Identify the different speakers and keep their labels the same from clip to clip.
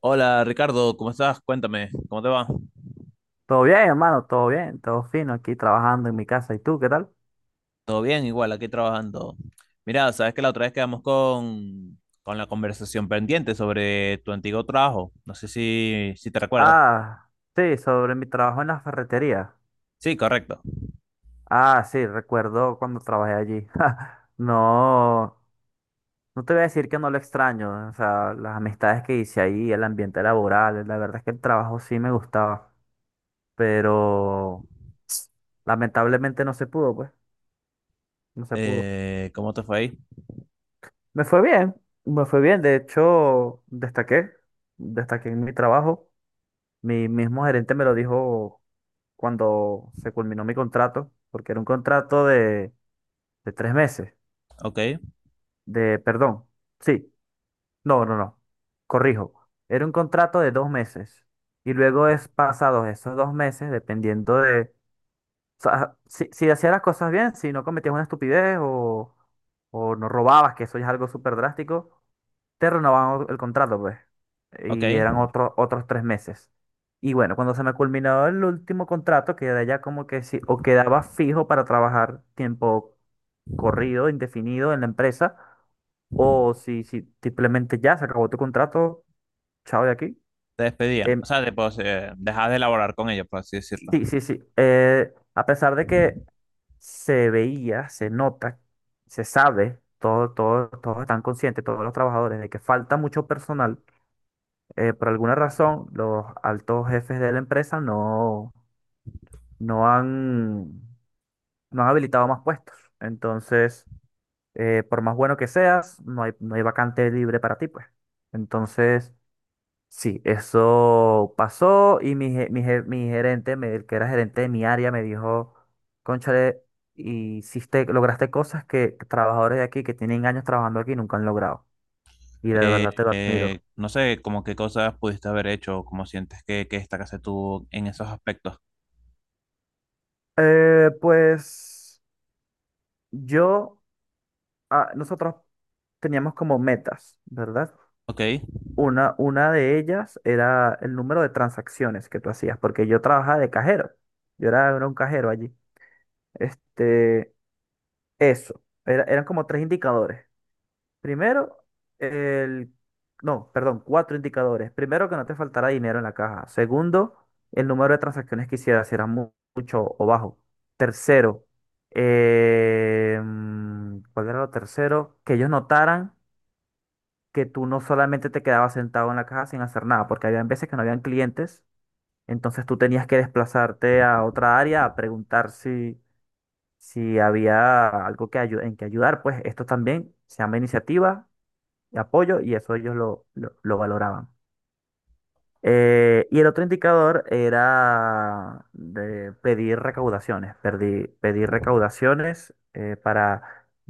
Speaker 1: Hola Ricardo, ¿cómo estás? Cuéntame, ¿cómo te va?
Speaker 2: Todo bien, hermano, todo bien, todo fino aquí trabajando en mi casa. ¿Y tú qué tal?
Speaker 1: ¿Todo bien? Igual, aquí trabajando. Mira, sabes que la otra vez quedamos con la conversación pendiente sobre tu antiguo trabajo. No sé si te recuerdas.
Speaker 2: Ah, sí, sobre mi trabajo en la ferretería.
Speaker 1: Sí, correcto.
Speaker 2: Ah, sí, recuerdo cuando trabajé allí. No, no te voy a decir que no lo extraño. O sea, las amistades que hice ahí, el ambiente laboral, la verdad es que el trabajo sí me gustaba, pero lamentablemente no se pudo, pues, no se pudo.
Speaker 1: ¿Cómo te fue ahí?
Speaker 2: Me fue bien, me fue bien. De hecho, destaqué, destaqué en mi trabajo. Mi mismo gerente me lo dijo cuando se culminó mi contrato, porque era un contrato de tres meses,
Speaker 1: Ok,
Speaker 2: de, perdón, sí, no, corrijo, era un contrato de dos meses. Y luego es pasados esos dos meses, o sea, si hacías las cosas bien, si no cometías una estupidez o no robabas, que eso ya es algo súper drástico, te renovaban el contrato, pues.
Speaker 1: ok.
Speaker 2: Y eran otros tres meses. Y bueno, cuando se me culminó el último contrato, quedé ya como que sí, o quedaba fijo para trabajar tiempo corrido, indefinido en la empresa, o si simplemente ya se acabó tu contrato, chao de aquí.
Speaker 1: Te despedían.
Speaker 2: Em,
Speaker 1: O sea, te, pues, dejas de elaborar con ellos, por así decirlo.
Speaker 2: sí, sí, sí. A pesar de que se veía, se nota, se sabe, todos están conscientes, todos los trabajadores, de que falta mucho personal. Por alguna razón, los altos jefes de la empresa no, no han, no han habilitado más puestos. Entonces, por más bueno que seas, no hay vacante libre para ti, pues. Entonces, sí, eso pasó y mi gerente, el que era gerente de mi área, me dijo, Cónchale, hiciste, lograste cosas que trabajadores de aquí que tienen años trabajando aquí nunca han logrado. Y de verdad te lo admiro.
Speaker 1: No sé, como qué cosas pudiste haber hecho, cómo sientes que esta casa tuvo en esos aspectos.
Speaker 2: Pues yo... ah, nosotros teníamos como metas, ¿verdad?
Speaker 1: Ok.
Speaker 2: Una de ellas era el número de transacciones que tú hacías, porque yo trabajaba de cajero. Yo era, era un cajero allí. Este, eso. Eran como tres indicadores. Primero, el... No, perdón, cuatro indicadores. Primero, que no te faltara dinero en la caja. Segundo, el número de transacciones que hicieras, si era mucho o bajo. Tercero, ¿cuál era lo tercero? Que ellos notaran que tú no solamente te quedabas sentado en la caja sin hacer nada, porque habían veces que no habían clientes, entonces tú tenías que desplazarte a otra área a preguntar si, si había algo en que ayudar, pues esto también se llama iniciativa y apoyo y eso ellos lo valoraban. Y el otro indicador era de pedir recaudaciones, pedir recaudaciones eh, para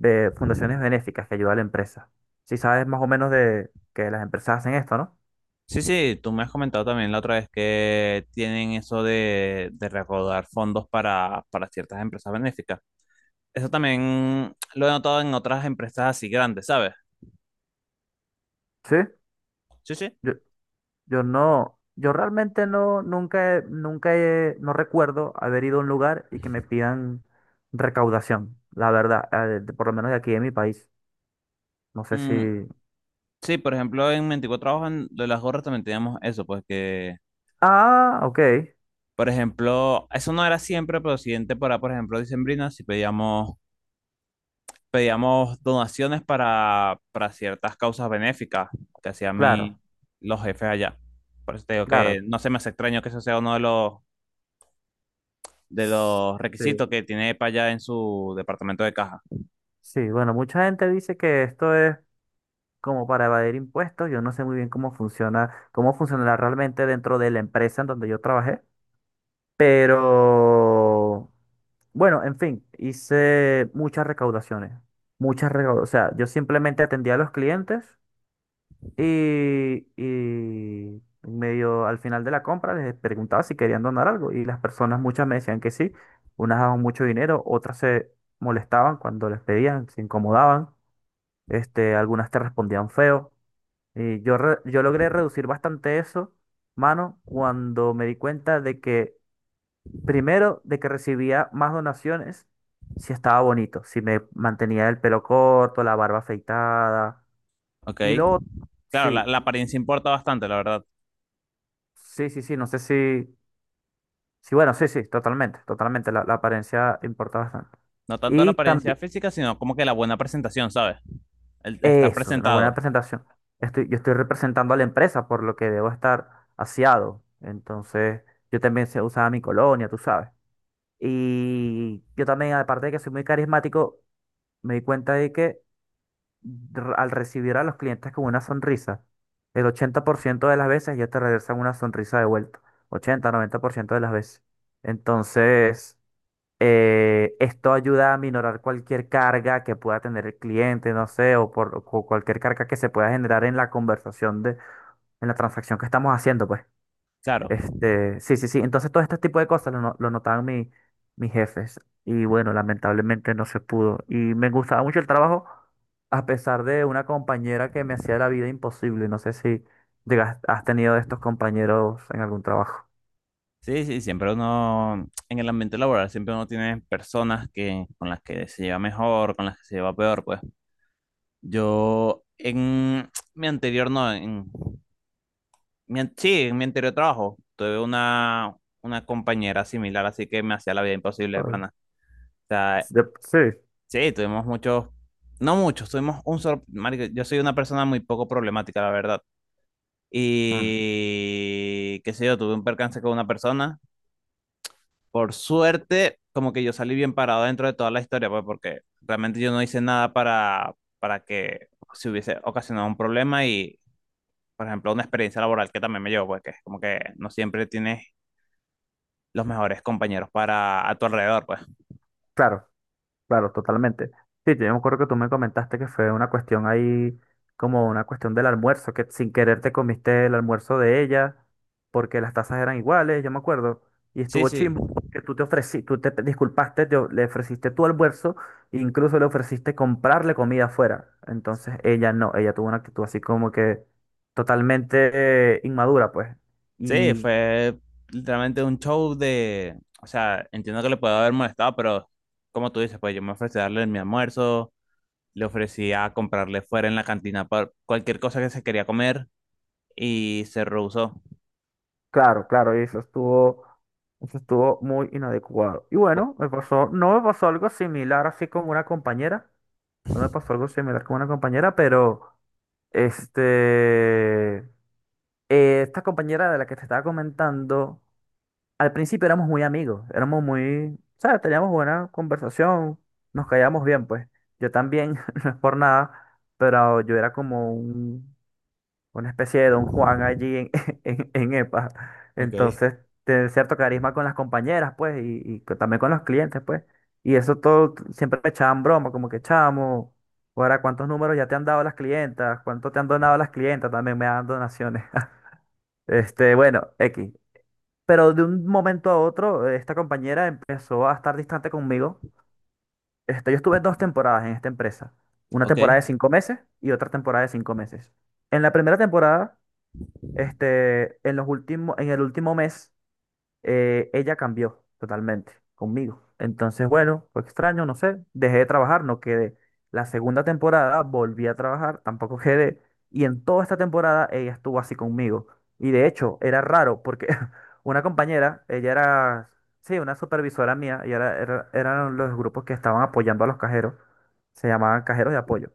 Speaker 2: eh, fundaciones benéficas que ayudan a la empresa. Si sabes más o menos de que las empresas hacen esto, ¿no?
Speaker 1: Sí, sí, tú me has comentado también la otra vez que tienen eso de recaudar fondos para ciertas empresas benéficas. Eso también lo he notado en otras empresas así grandes, ¿sabes?
Speaker 2: Sí,
Speaker 1: Sí, sí.
Speaker 2: yo, yo realmente no, nunca, no recuerdo haber ido a un lugar y que me pidan recaudación, la verdad, por lo menos de aquí en mi país. No sé si...
Speaker 1: Mm, sí, por ejemplo, en 24 Trabajos en lo de las gorras también teníamos eso, pues que,
Speaker 2: Ah, ok,
Speaker 1: por ejemplo, eso no era siempre, pero siguiente para, por ejemplo, dicembrina, si pedíamos donaciones para ciertas causas benéficas que hacían
Speaker 2: claro,
Speaker 1: mi, los jefes allá. Por eso te digo que
Speaker 2: claro.
Speaker 1: no se me hace extraño que eso sea uno de de
Speaker 2: S-
Speaker 1: los requisitos
Speaker 2: Sí.
Speaker 1: que tiene EPA allá en su departamento de caja.
Speaker 2: Sí, bueno, mucha gente dice que esto es como para evadir impuestos. Yo no sé muy bien cómo funciona, cómo funcionará realmente dentro de la empresa en donde yo trabajé. Pero bueno, en fin, hice muchas recaudaciones. Muchas recaudaciones. O sea, yo simplemente atendía a los clientes y medio al final de la compra les preguntaba si querían donar algo. Y las personas, muchas me decían que sí. Unas daban mucho dinero, otras se molestaban cuando les pedían, se incomodaban. Algunas te respondían feo. Y yo, yo logré reducir bastante eso, mano, cuando me di cuenta de que primero, de que recibía más donaciones si estaba bonito, si me mantenía el pelo corto, la barba afeitada.
Speaker 1: ¿Ok?
Speaker 2: Y lo otro,
Speaker 1: Claro, la,
Speaker 2: sí,
Speaker 1: la apariencia importa bastante, la verdad.
Speaker 2: sí, sí, sí, no sé si, sí, bueno, sí, sí, totalmente, totalmente, la apariencia importa bastante.
Speaker 1: No tanto la
Speaker 2: Y
Speaker 1: apariencia
Speaker 2: también,
Speaker 1: física, sino como que la buena presentación, ¿sabes? El estar
Speaker 2: eso, una buena
Speaker 1: presentado.
Speaker 2: presentación. Yo estoy representando a la empresa, por lo que debo estar aseado. Entonces, yo también se usaba mi colonia, tú sabes. Y yo también, aparte de que soy muy carismático, me di cuenta de que al recibir a los clientes con una sonrisa, el 80% de las veces ya te regresan una sonrisa de vuelta. 80 90% de las veces. Entonces, esto ayuda a minorar cualquier carga que pueda tener el cliente, no sé, o por o cualquier carga que se pueda generar en la conversación de, en la transacción que estamos haciendo, pues.
Speaker 1: Claro.
Speaker 2: Sí, sí, sí. Entonces todo este tipo de cosas lo, lo notaban mis jefes. Y bueno, lamentablemente no se pudo. Y me gustaba mucho el trabajo, a pesar de una compañera que me hacía la vida imposible. No sé si llegas, has tenido estos compañeros en algún trabajo.
Speaker 1: Sí, sí, siempre uno, en el ambiente laboral, siempre uno tiene personas que, con las que se lleva mejor, con las que se lleva peor, pues. Yo en mi anterior, no, en mi, an- Sí, en mi anterior trabajo tuve una compañera similar, así que me hacía la vida imposible de
Speaker 2: Ay,
Speaker 1: pana. O sea,
Speaker 2: sí,
Speaker 1: sí, no muchos, tuvimos un solo, marico, yo soy una persona muy poco problemática, la verdad.
Speaker 2: mm,
Speaker 1: Y qué sé yo, tuve un percance con una persona. Por suerte, como que yo salí bien parado dentro de toda la historia, pues porque realmente yo no hice nada para, para que se hubiese ocasionado un problema y por ejemplo, una experiencia laboral que también me llevó, pues, que es como que no siempre tienes los mejores compañeros para a tu alrededor, pues.
Speaker 2: claro. Claro, totalmente. Sí, yo me acuerdo que tú me comentaste que fue una cuestión ahí, como una cuestión del almuerzo, que sin querer te comiste el almuerzo de ella, porque las tazas eran iguales, yo me acuerdo. Y
Speaker 1: Sí,
Speaker 2: estuvo
Speaker 1: sí,
Speaker 2: chimbo porque tú te ofreciste, tú te disculpaste, le ofreciste tu almuerzo, e incluso le ofreciste comprarle comida afuera. Entonces ella no, ella tuvo una actitud así como que totalmente inmadura, pues.
Speaker 1: sí, fue literalmente un show de, o sea, entiendo que le puedo haber molestado, pero como tú dices, pues yo me ofrecí a darle mi almuerzo, le ofrecí a comprarle fuera en la cantina pa- cualquier cosa que se quería comer y se rehusó.
Speaker 2: Claro, claro, y eso estuvo muy inadecuado. Y
Speaker 1: Po-
Speaker 2: bueno, me pasó, no me pasó algo similar así con una compañera, no me pasó algo similar con una compañera, pero este, esta compañera de la que te estaba comentando, al principio éramos muy amigos, éramos muy, ¿sabes? Teníamos buena conversación, nos caíamos bien, pues. Yo también, no es por nada, pero yo era como un una especie de Don Juan allí en, en EPA.
Speaker 1: Ok.
Speaker 2: Entonces, tener cierto carisma con las compañeras, pues, y, también con los clientes, pues. Y eso siempre me echaban broma, como que chamo, ahora cuántos números ya te han dado las clientas, cuánto te han donado las clientas, también me dan donaciones. Bueno, X. Pero de un momento a otro, esta compañera empezó a estar distante conmigo. Yo estuve dos temporadas en esta empresa. Una
Speaker 1: Ok,
Speaker 2: temporada de 5 meses y otra temporada de 5 meses. En la primera temporada, en los últimos, en el último mes, ella cambió totalmente conmigo. Entonces, bueno, fue extraño, no sé. Dejé de trabajar, no quedé. La segunda temporada volví a trabajar, tampoco quedé. Y en toda esta temporada ella estuvo así conmigo. Y de hecho, era raro porque una compañera, ella era, sí, una supervisora mía, y era, eran los grupos que estaban apoyando a los cajeros. Se llamaban cajeros de apoyo.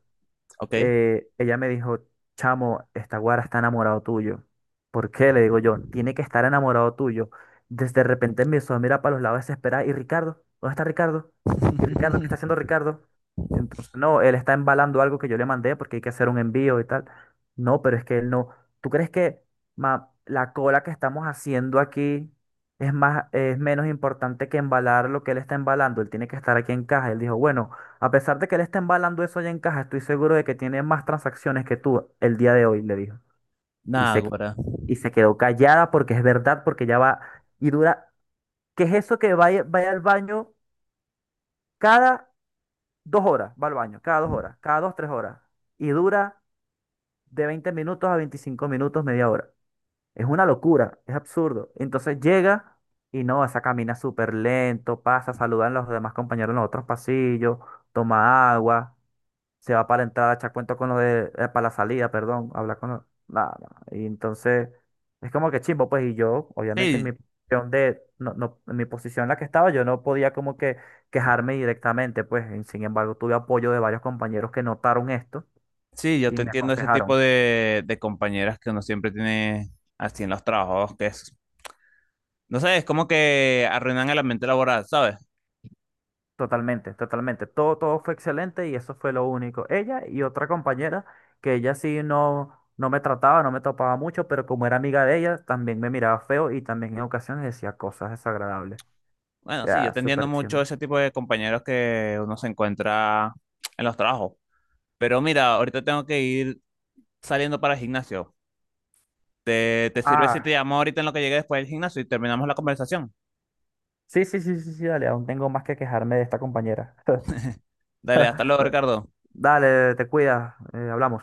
Speaker 1: ok.
Speaker 2: Ella me dijo, chamo, esta guara está enamorado tuyo. ¿Por qué? Le digo yo, tiene que estar enamorado tuyo. Desde de repente empezó a mirar para los lados desesperada. ¿Y Ricardo? ¿Dónde está Ricardo? ¿Y Ricardo? ¿Qué está haciendo Ricardo? Entonces, no, él está embalando algo que yo le mandé porque hay que hacer un envío y tal. No, pero es que él no. ¿Tú crees que ma, la cola que estamos haciendo aquí es más, es menos importante que embalar lo que él está embalando? Él tiene que estar aquí en caja. Él dijo, bueno. A pesar de que él está embalando eso allá en caja, estoy seguro de que tiene más transacciones que tú el día de hoy, le dijo. Y
Speaker 1: Nah,
Speaker 2: se, qui-
Speaker 1: güera.
Speaker 2: y se quedó callada porque es verdad, porque ya va y dura. ¿Qué es eso que vaya, vaya al baño cada 2 horas? Va al baño, cada dos horas, cada 2, 3 horas. Y dura de 20 minutos a 25 minutos, media hora. Es una locura, es absurdo. Entonces llega y no, esa camina súper lento, pasa, saludan a los demás compañeros en los otros pasillos, toma agua. Se va para la entrada, echa cuento con los de, para la salida, perdón, habla con los, nada, nada. Y entonces, es como que chimbo, pues, y yo, obviamente,
Speaker 1: Sí,
Speaker 2: en mi posición en la que estaba, yo no podía como que quejarme directamente, pues, y sin embargo, tuve apoyo de varios compañeros que notaron esto
Speaker 1: sí, yo
Speaker 2: y
Speaker 1: te
Speaker 2: me
Speaker 1: entiendo ese tipo
Speaker 2: aconsejaron.
Speaker 1: de compañeras que uno siempre tiene así en los trabajos, que es, no sé, es como que arruinan el ambiente laboral, ¿sabes?
Speaker 2: Totalmente, totalmente. Todo, todo fue excelente y eso fue lo único. Ella y otra compañera, que ella sí no, no me trataba, no me topaba mucho, pero como era amiga de ella, también me miraba feo y también en ocasiones decía cosas desagradables.
Speaker 1: Bueno, sí, yo
Speaker 2: Ya,
Speaker 1: te entiendo
Speaker 2: súper
Speaker 1: mucho
Speaker 2: chimbo.
Speaker 1: ese tipo de compañeros que uno se encuentra en los trabajos. Pero mira, ahorita tengo que ir saliendo para el gimnasio. ¿Te sirve si te
Speaker 2: Ah,
Speaker 1: llamo ahorita en lo que llegue después del gimnasio y terminamos la conversación?
Speaker 2: sí, sí, sí, sí, sí, dale, aún tengo más que quejarme de esta compañera.
Speaker 1: Dale, hasta luego,
Speaker 2: Bueno,
Speaker 1: Ricardo.
Speaker 2: dale, te cuidas, hablamos.